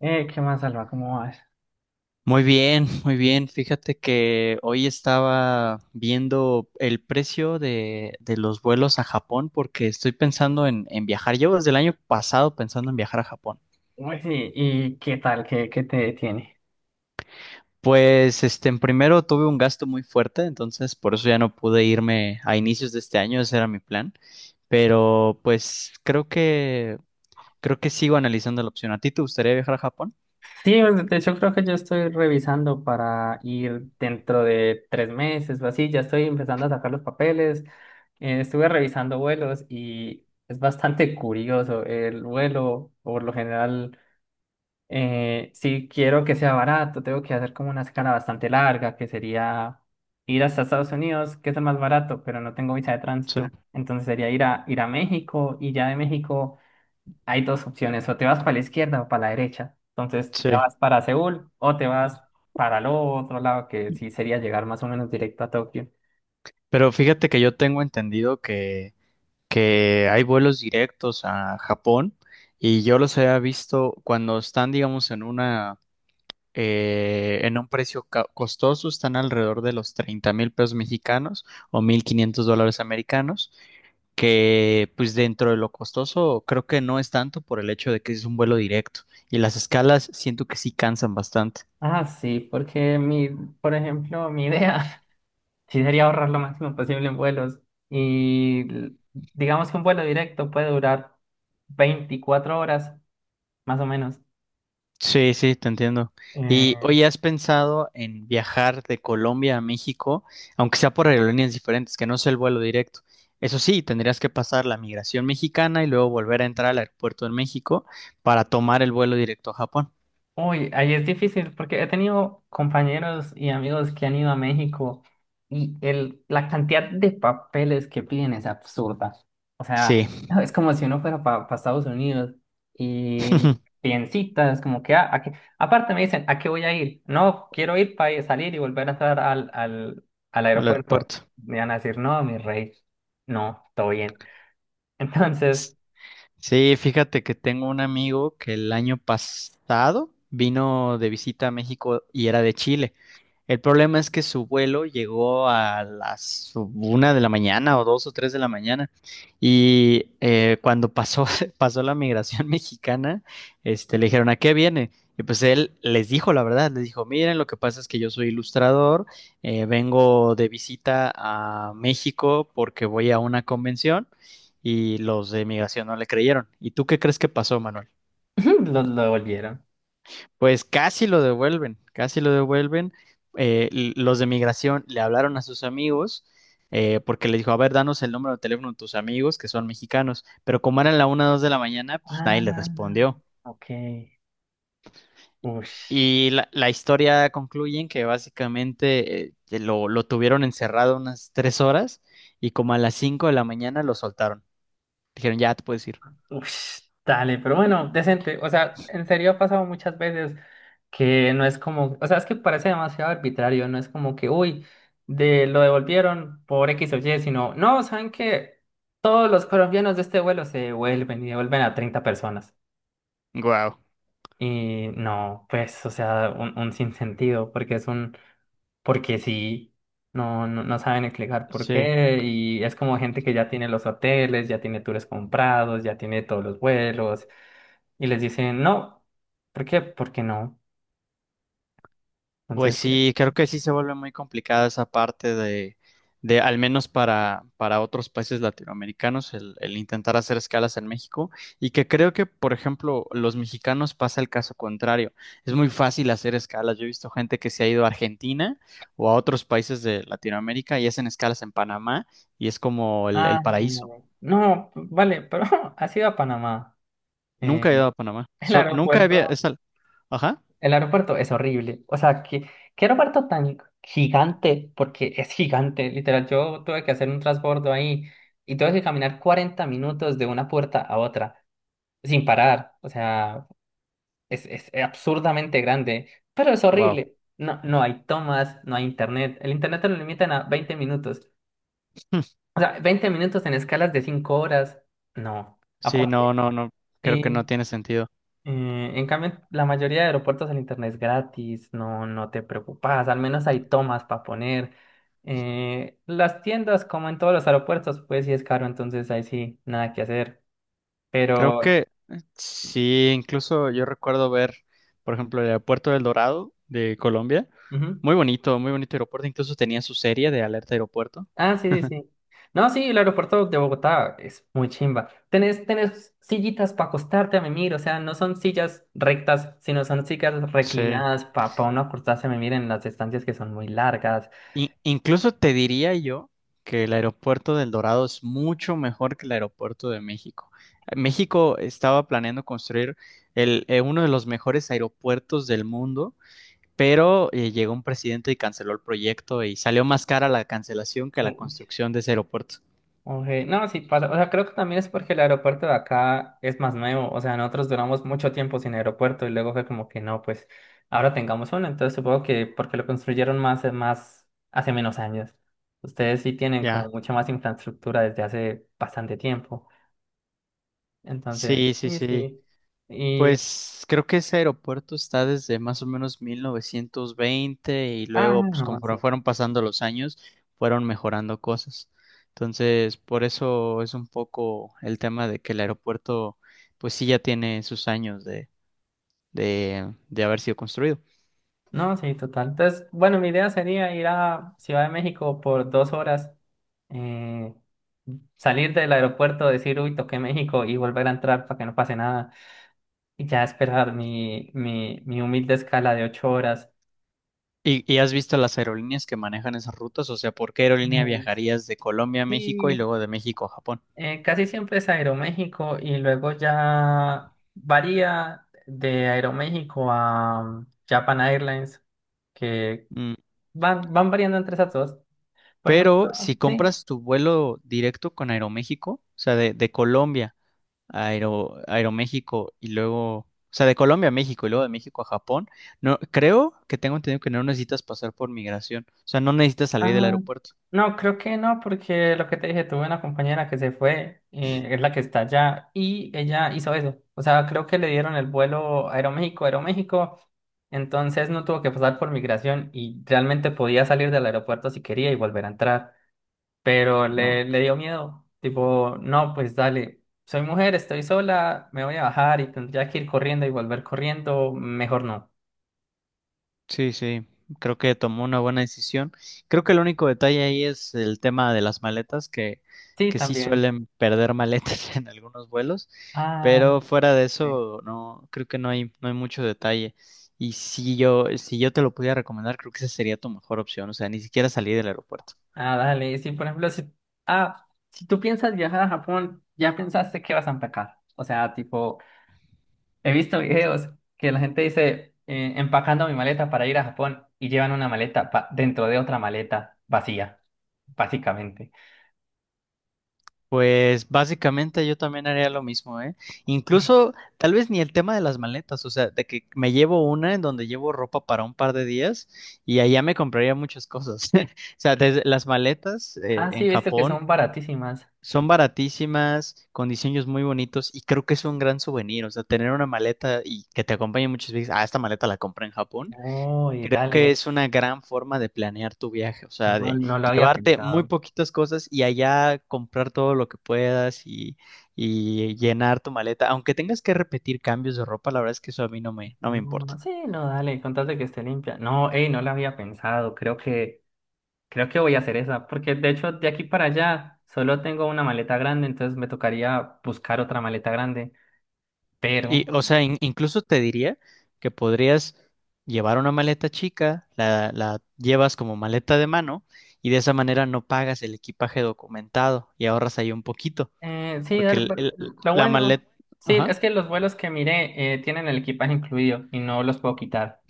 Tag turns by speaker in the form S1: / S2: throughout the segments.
S1: ¿Qué más, Alba? ¿Cómo vas?
S2: Muy bien, muy bien. Fíjate que hoy estaba viendo el precio de los vuelos a Japón porque estoy pensando en viajar. Llevo desde el año pasado pensando en viajar a Japón.
S1: Uy, sí, ¿y qué tal? ¿Qué te detiene?
S2: Pues, en primero tuve un gasto muy fuerte, entonces por eso ya no pude irme a inicios de este año, ese era mi plan. Pero, pues, creo que sigo analizando la opción. ¿A ti te gustaría viajar a Japón?
S1: Sí, pues, de hecho creo que yo estoy revisando para ir dentro de 3 meses o así. Ya estoy empezando a sacar los papeles. Estuve revisando vuelos y es bastante curioso. El vuelo, por lo general, si quiero que sea barato, tengo que hacer como una escala bastante larga, que sería ir hasta Estados Unidos, que es el más barato, pero no tengo visa de
S2: Sí,
S1: tránsito. Entonces sería ir a México y ya de México hay dos opciones, o te vas para la izquierda o para la derecha. Entonces, te
S2: sí.
S1: vas para Seúl o te vas para el otro lado, que sí sería llegar más o menos directo a Tokio.
S2: Pero fíjate que yo tengo entendido que hay vuelos directos a Japón y yo los había visto cuando están, digamos, en una en un precio costoso, están alrededor de los 30,000 pesos mexicanos o 1,500 dólares americanos, que pues dentro de lo costoso creo que no es tanto por el hecho de que es un vuelo directo y las escalas siento que sí cansan bastante.
S1: Ah, sí, porque mi, por ejemplo, mi idea sí sería ahorrar lo máximo posible en vuelos. Y l- digamos que un vuelo directo puede durar 24 horas, más o menos.
S2: Sí, sí, te entiendo. Y
S1: Eh,
S2: hoy has pensado en viajar de Colombia a México, aunque sea por aerolíneas diferentes, que no sea el vuelo directo. Eso sí, tendrías que pasar la migración mexicana y luego volver a entrar al aeropuerto de México para tomar el vuelo directo a Japón.
S1: Uy, ahí es difícil porque he tenido compañeros y amigos que han ido a México y la cantidad de papeles que piden es absurda. O sea,
S2: Sí,
S1: es como si uno fuera para Estados Unidos y piden citas, como que, ¿a qué? Aparte me dicen, ¿a qué voy a ir? No, quiero ir para salir y volver a entrar al
S2: al
S1: aeropuerto.
S2: aeropuerto.
S1: Me van a decir, no, mi rey, no, todo bien. Entonces,
S2: Sí, fíjate que tengo un amigo que el año pasado vino de visita a México y era de Chile. El problema es que su vuelo llegó a las 1 de la mañana o 2 o 3 de la mañana y cuando pasó, pasó la migración mexicana, le dijeron, ¿a qué viene? Y pues él les dijo la verdad, les dijo, miren, lo que pasa es que yo soy ilustrador, vengo de visita a México porque voy a una convención y los de migración no le creyeron. ¿Y tú qué crees que pasó, Manuel?
S1: lo devolvieron.
S2: Pues casi lo devuelven, casi lo devuelven. Los de migración le hablaron a sus amigos porque le dijo, a ver, danos el número de teléfono de tus amigos que son mexicanos. Pero como eran la 1 o 2 de la mañana, pues nadie le
S1: Ah,
S2: respondió.
S1: ok. Ush.
S2: Y la historia concluye en que básicamente que lo tuvieron encerrado unas 3 horas y como a las 5 de la mañana lo soltaron. Dijeron, ya te puedes ir.
S1: Ush, dale, pero bueno, decente. O sea, en serio ha pasado muchas veces que no es como, o sea, es que parece demasiado arbitrario, no es como que, uy, de lo devolvieron por X o Y, sino, no, saben que todos los colombianos de este vuelo se devuelven y devuelven a 30 personas.
S2: Wow.
S1: Y no, pues, o sea, un sinsentido, porque es un, porque sí, no, no, no saben explicar por
S2: Sí.
S1: qué, y es como gente que ya tiene los hoteles, ya tiene tours comprados, ya tiene todos los vuelos y les dicen no. ¿Por qué? Porque no.
S2: Pues
S1: Entonces,
S2: sí, creo que sí se vuelve muy complicada esa parte de al menos para otros países latinoamericanos, el intentar hacer escalas en México. Y que creo que, por ejemplo, los mexicanos pasa el caso contrario. Es muy fácil hacer escalas. Yo he visto gente que se ha ido a Argentina o a otros países de Latinoamérica y hacen escalas en Panamá y es como el, el
S1: pues, no,
S2: paraíso.
S1: no, no, vale, pero has ido a Panamá. Eh,
S2: Nunca he ido a Panamá.
S1: el
S2: Nunca había...
S1: aeropuerto,
S2: es al- Ajá.
S1: el aeropuerto es horrible. O sea, ¿qué aeropuerto tan gigante? Porque es gigante, literal. Yo tuve que hacer un transbordo ahí y tuve que caminar 40 minutos de una puerta a otra sin parar. O sea, es absurdamente grande, pero es
S2: Wow.
S1: horrible. No, no hay tomas, no hay internet. El internet te lo limitan a 20 minutos. O sea, 20 minutos en escalas de 5 horas, no.
S2: Sí, no,
S1: Aparte,
S2: no, no. Creo que
S1: sí.
S2: no tiene sentido.
S1: En cambio, la mayoría de aeropuertos el internet es gratis, no, no te preocupas, al menos hay tomas para poner. Las tiendas, como en todos los aeropuertos, pues sí es caro, entonces ahí sí, nada que hacer.
S2: Creo que
S1: Pero,
S2: sí, incluso yo recuerdo ver, por ejemplo, el aeropuerto del Dorado de Colombia.
S1: ujú.
S2: Muy bonito aeropuerto. Incluso tenía su serie de Alerta Aeropuerto.
S1: Ah, sí, sí, sí. No, sí, el aeropuerto de Bogotá es muy chimba. Tenés sillitas para acostarte a mimir, o sea, no son sillas rectas, sino son sillas
S2: Sí.
S1: reclinadas para uno acostarse a mimir en las estancias que son muy largas.
S2: Incluso te diría yo que el aeropuerto del Dorado es mucho mejor que el aeropuerto de México. México estaba planeando construir uno de los mejores aeropuertos del mundo, pero llegó un presidente y canceló el proyecto y salió más cara la cancelación que la construcción de ese aeropuerto.
S1: Ok, no, sí pasa. O sea, creo que también es porque el aeropuerto de acá es más nuevo. O sea, nosotros duramos mucho tiempo sin aeropuerto y luego fue como que no, pues ahora tengamos uno. Entonces supongo que porque lo construyeron más, hace menos años. Ustedes sí tienen como
S2: Ya.
S1: mucha más infraestructura desde hace bastante tiempo.
S2: Sí,
S1: Entonces,
S2: sí,
S1: sí,
S2: sí.
S1: sí. Y,
S2: Pues creo que ese aeropuerto está desde más o menos 1920 y
S1: ah,
S2: luego, pues
S1: no, sí.
S2: conforme fueron pasando los años, fueron mejorando cosas. Entonces, por eso es un poco el tema de que el aeropuerto, pues sí, ya tiene sus años de, de haber sido construido.
S1: No, sí, total. Entonces, bueno, mi idea sería ir a Ciudad de México por 2 horas, eh, salir del aeropuerto, decir, uy, toqué México y volver a entrar para que no pase nada y ya esperar mi humilde escala de 8 horas.
S2: ¿Y has visto las aerolíneas que manejan esas rutas? O sea, ¿por qué aerolínea
S1: Mm,
S2: viajarías de Colombia a México y
S1: Sí,
S2: luego de México a Japón?
S1: casi siempre es Aeroméxico y luego ya varía de Aeroméxico a Japan Airlines, que van variando entre esas dos. Por
S2: Pero
S1: ejemplo,
S2: si
S1: sí.
S2: compras tu vuelo directo con Aeroméxico, o sea, de Colombia a Aero- Aeroméxico y luego, o sea, de Colombia a México y luego de México a Japón, no, creo que tengo entendido que no necesitas pasar por migración, o sea, no necesitas salir del
S1: Ah,
S2: aeropuerto,
S1: no, creo que no, porque lo que te dije, tuve una compañera que se fue, es la que está allá, y ella hizo eso. O sea, creo que le dieron el vuelo Aeroméxico, Aeroméxico, entonces no tuvo que pasar por migración y realmente podía salir del aeropuerto si quería y volver a entrar. Pero
S2: ¿no?
S1: le dio miedo, tipo, no, pues dale, soy mujer, estoy sola, me voy a bajar y tendría que ir corriendo y volver corriendo, mejor no.
S2: Sí, sí, creo que tomó una buena decisión. Creo que el único detalle ahí es el tema de las maletas, que,
S1: Sí,
S2: sí
S1: también.
S2: suelen perder maletas en algunos vuelos,
S1: Ah,
S2: pero fuera de
S1: sí.
S2: eso, no, creo que no hay mucho detalle. Y si yo te lo pudiera recomendar, creo que esa sería tu mejor opción, o sea, ni siquiera salir del aeropuerto.
S1: Ah, dale, sí, por ejemplo, si tú piensas viajar a Japón, ya pensaste que vas a empacar. O sea, tipo, he visto videos que la gente dice, empacando mi maleta para ir a Japón y llevan una maleta dentro de otra maleta vacía, básicamente.
S2: Pues básicamente yo también haría lo mismo, ¿eh? Incluso tal vez ni el tema de las maletas, o sea, de que me llevo una en donde llevo ropa para un par de días y allá me compraría muchas cosas. O sea, desde las maletas
S1: Ah, sí,
S2: en
S1: he visto que
S2: Japón
S1: son baratísimas.
S2: son baratísimas, con diseños muy bonitos y creo que es un gran souvenir, o sea, tener una maleta y que te acompañe en muchos viajes, ah, esta maleta la compré en Japón,
S1: Uy,
S2: que
S1: dale,
S2: es una gran forma de planear tu viaje, o sea,
S1: no,
S2: de
S1: no lo había
S2: llevarte muy
S1: pensado.
S2: poquitas cosas y allá comprar todo lo que puedas y llenar tu maleta, aunque tengas que repetir cambios de ropa, la verdad es que eso a mí no me importa.
S1: No, sí, no, dale, contate que esté limpia. No, ey, no lo había pensado, creo que... Creo que voy a hacer esa, porque de hecho de aquí para allá solo tengo una maleta grande, entonces me tocaría buscar otra maleta grande.
S2: Y,
S1: Pero,
S2: o sea, incluso te diría que podrías llevar una maleta chica, la llevas como maleta de mano y de esa manera no pagas el equipaje documentado y ahorras ahí un poquito,
S1: sí,
S2: porque
S1: dale, pues, lo
S2: la
S1: bueno,
S2: maleta...
S1: sí,
S2: Ajá.
S1: es que los vuelos que miré tienen el equipaje incluido y no los puedo quitar.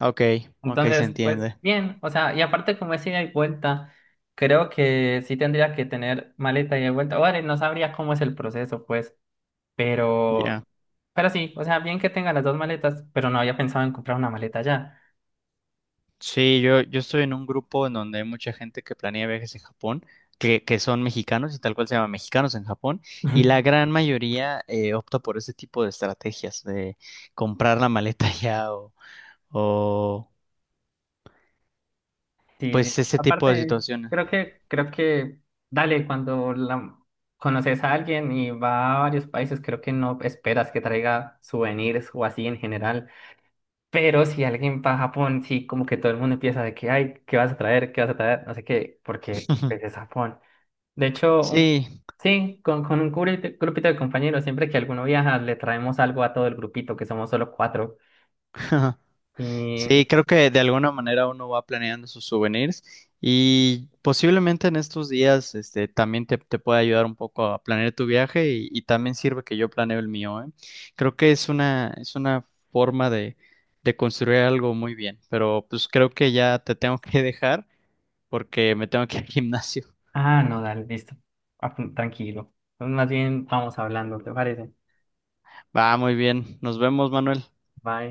S2: Ok, ok, se
S1: Entonces, pues
S2: entiende.
S1: bien, o sea, y aparte como es ida y vuelta, creo que sí tendría que tener maleta ida y vuelta. Vale, no sabría cómo es el proceso, pues,
S2: Ya.
S1: pero, pero sí, o sea, bien que tenga las dos maletas, pero no había pensado en comprar una maleta ya.
S2: Sí, yo estoy en un grupo en donde hay mucha gente que planea viajes en Japón, que son mexicanos y tal cual se llama Mexicanos en Japón, y la gran mayoría opta por ese tipo de estrategias, de comprar la maleta ya o, o
S1: Sí, sí.
S2: pues ese tipo de
S1: Aparte,
S2: situaciones.
S1: creo que, dale, cuando conoces a alguien y va a varios países, creo que no esperas que traiga souvenirs o así en general. Pero si alguien va a Japón, sí, como que todo el mundo empieza de que, ay, ¿qué vas a traer? ¿Qué vas a traer? No sé qué, porque pues, es Japón. De hecho,
S2: Sí,
S1: sí, con un grupito, grupito de compañeros, siempre que alguno viaja, le traemos algo a todo el grupito, que somos solo cuatro.
S2: Sí, creo que de alguna manera uno va planeando sus souvenirs y posiblemente en estos días este, también te puede ayudar un poco a planear tu viaje y también sirve que yo planeo el mío, ¿eh? Creo que es una forma de construir algo muy bien, pero pues creo que ya te tengo que dejar porque me tengo que ir al gimnasio.
S1: Ah, no, dale, listo. Tranquilo. Entonces, más bien vamos hablando, ¿te parece?
S2: Va, muy bien. Nos vemos, Manuel.
S1: Bye.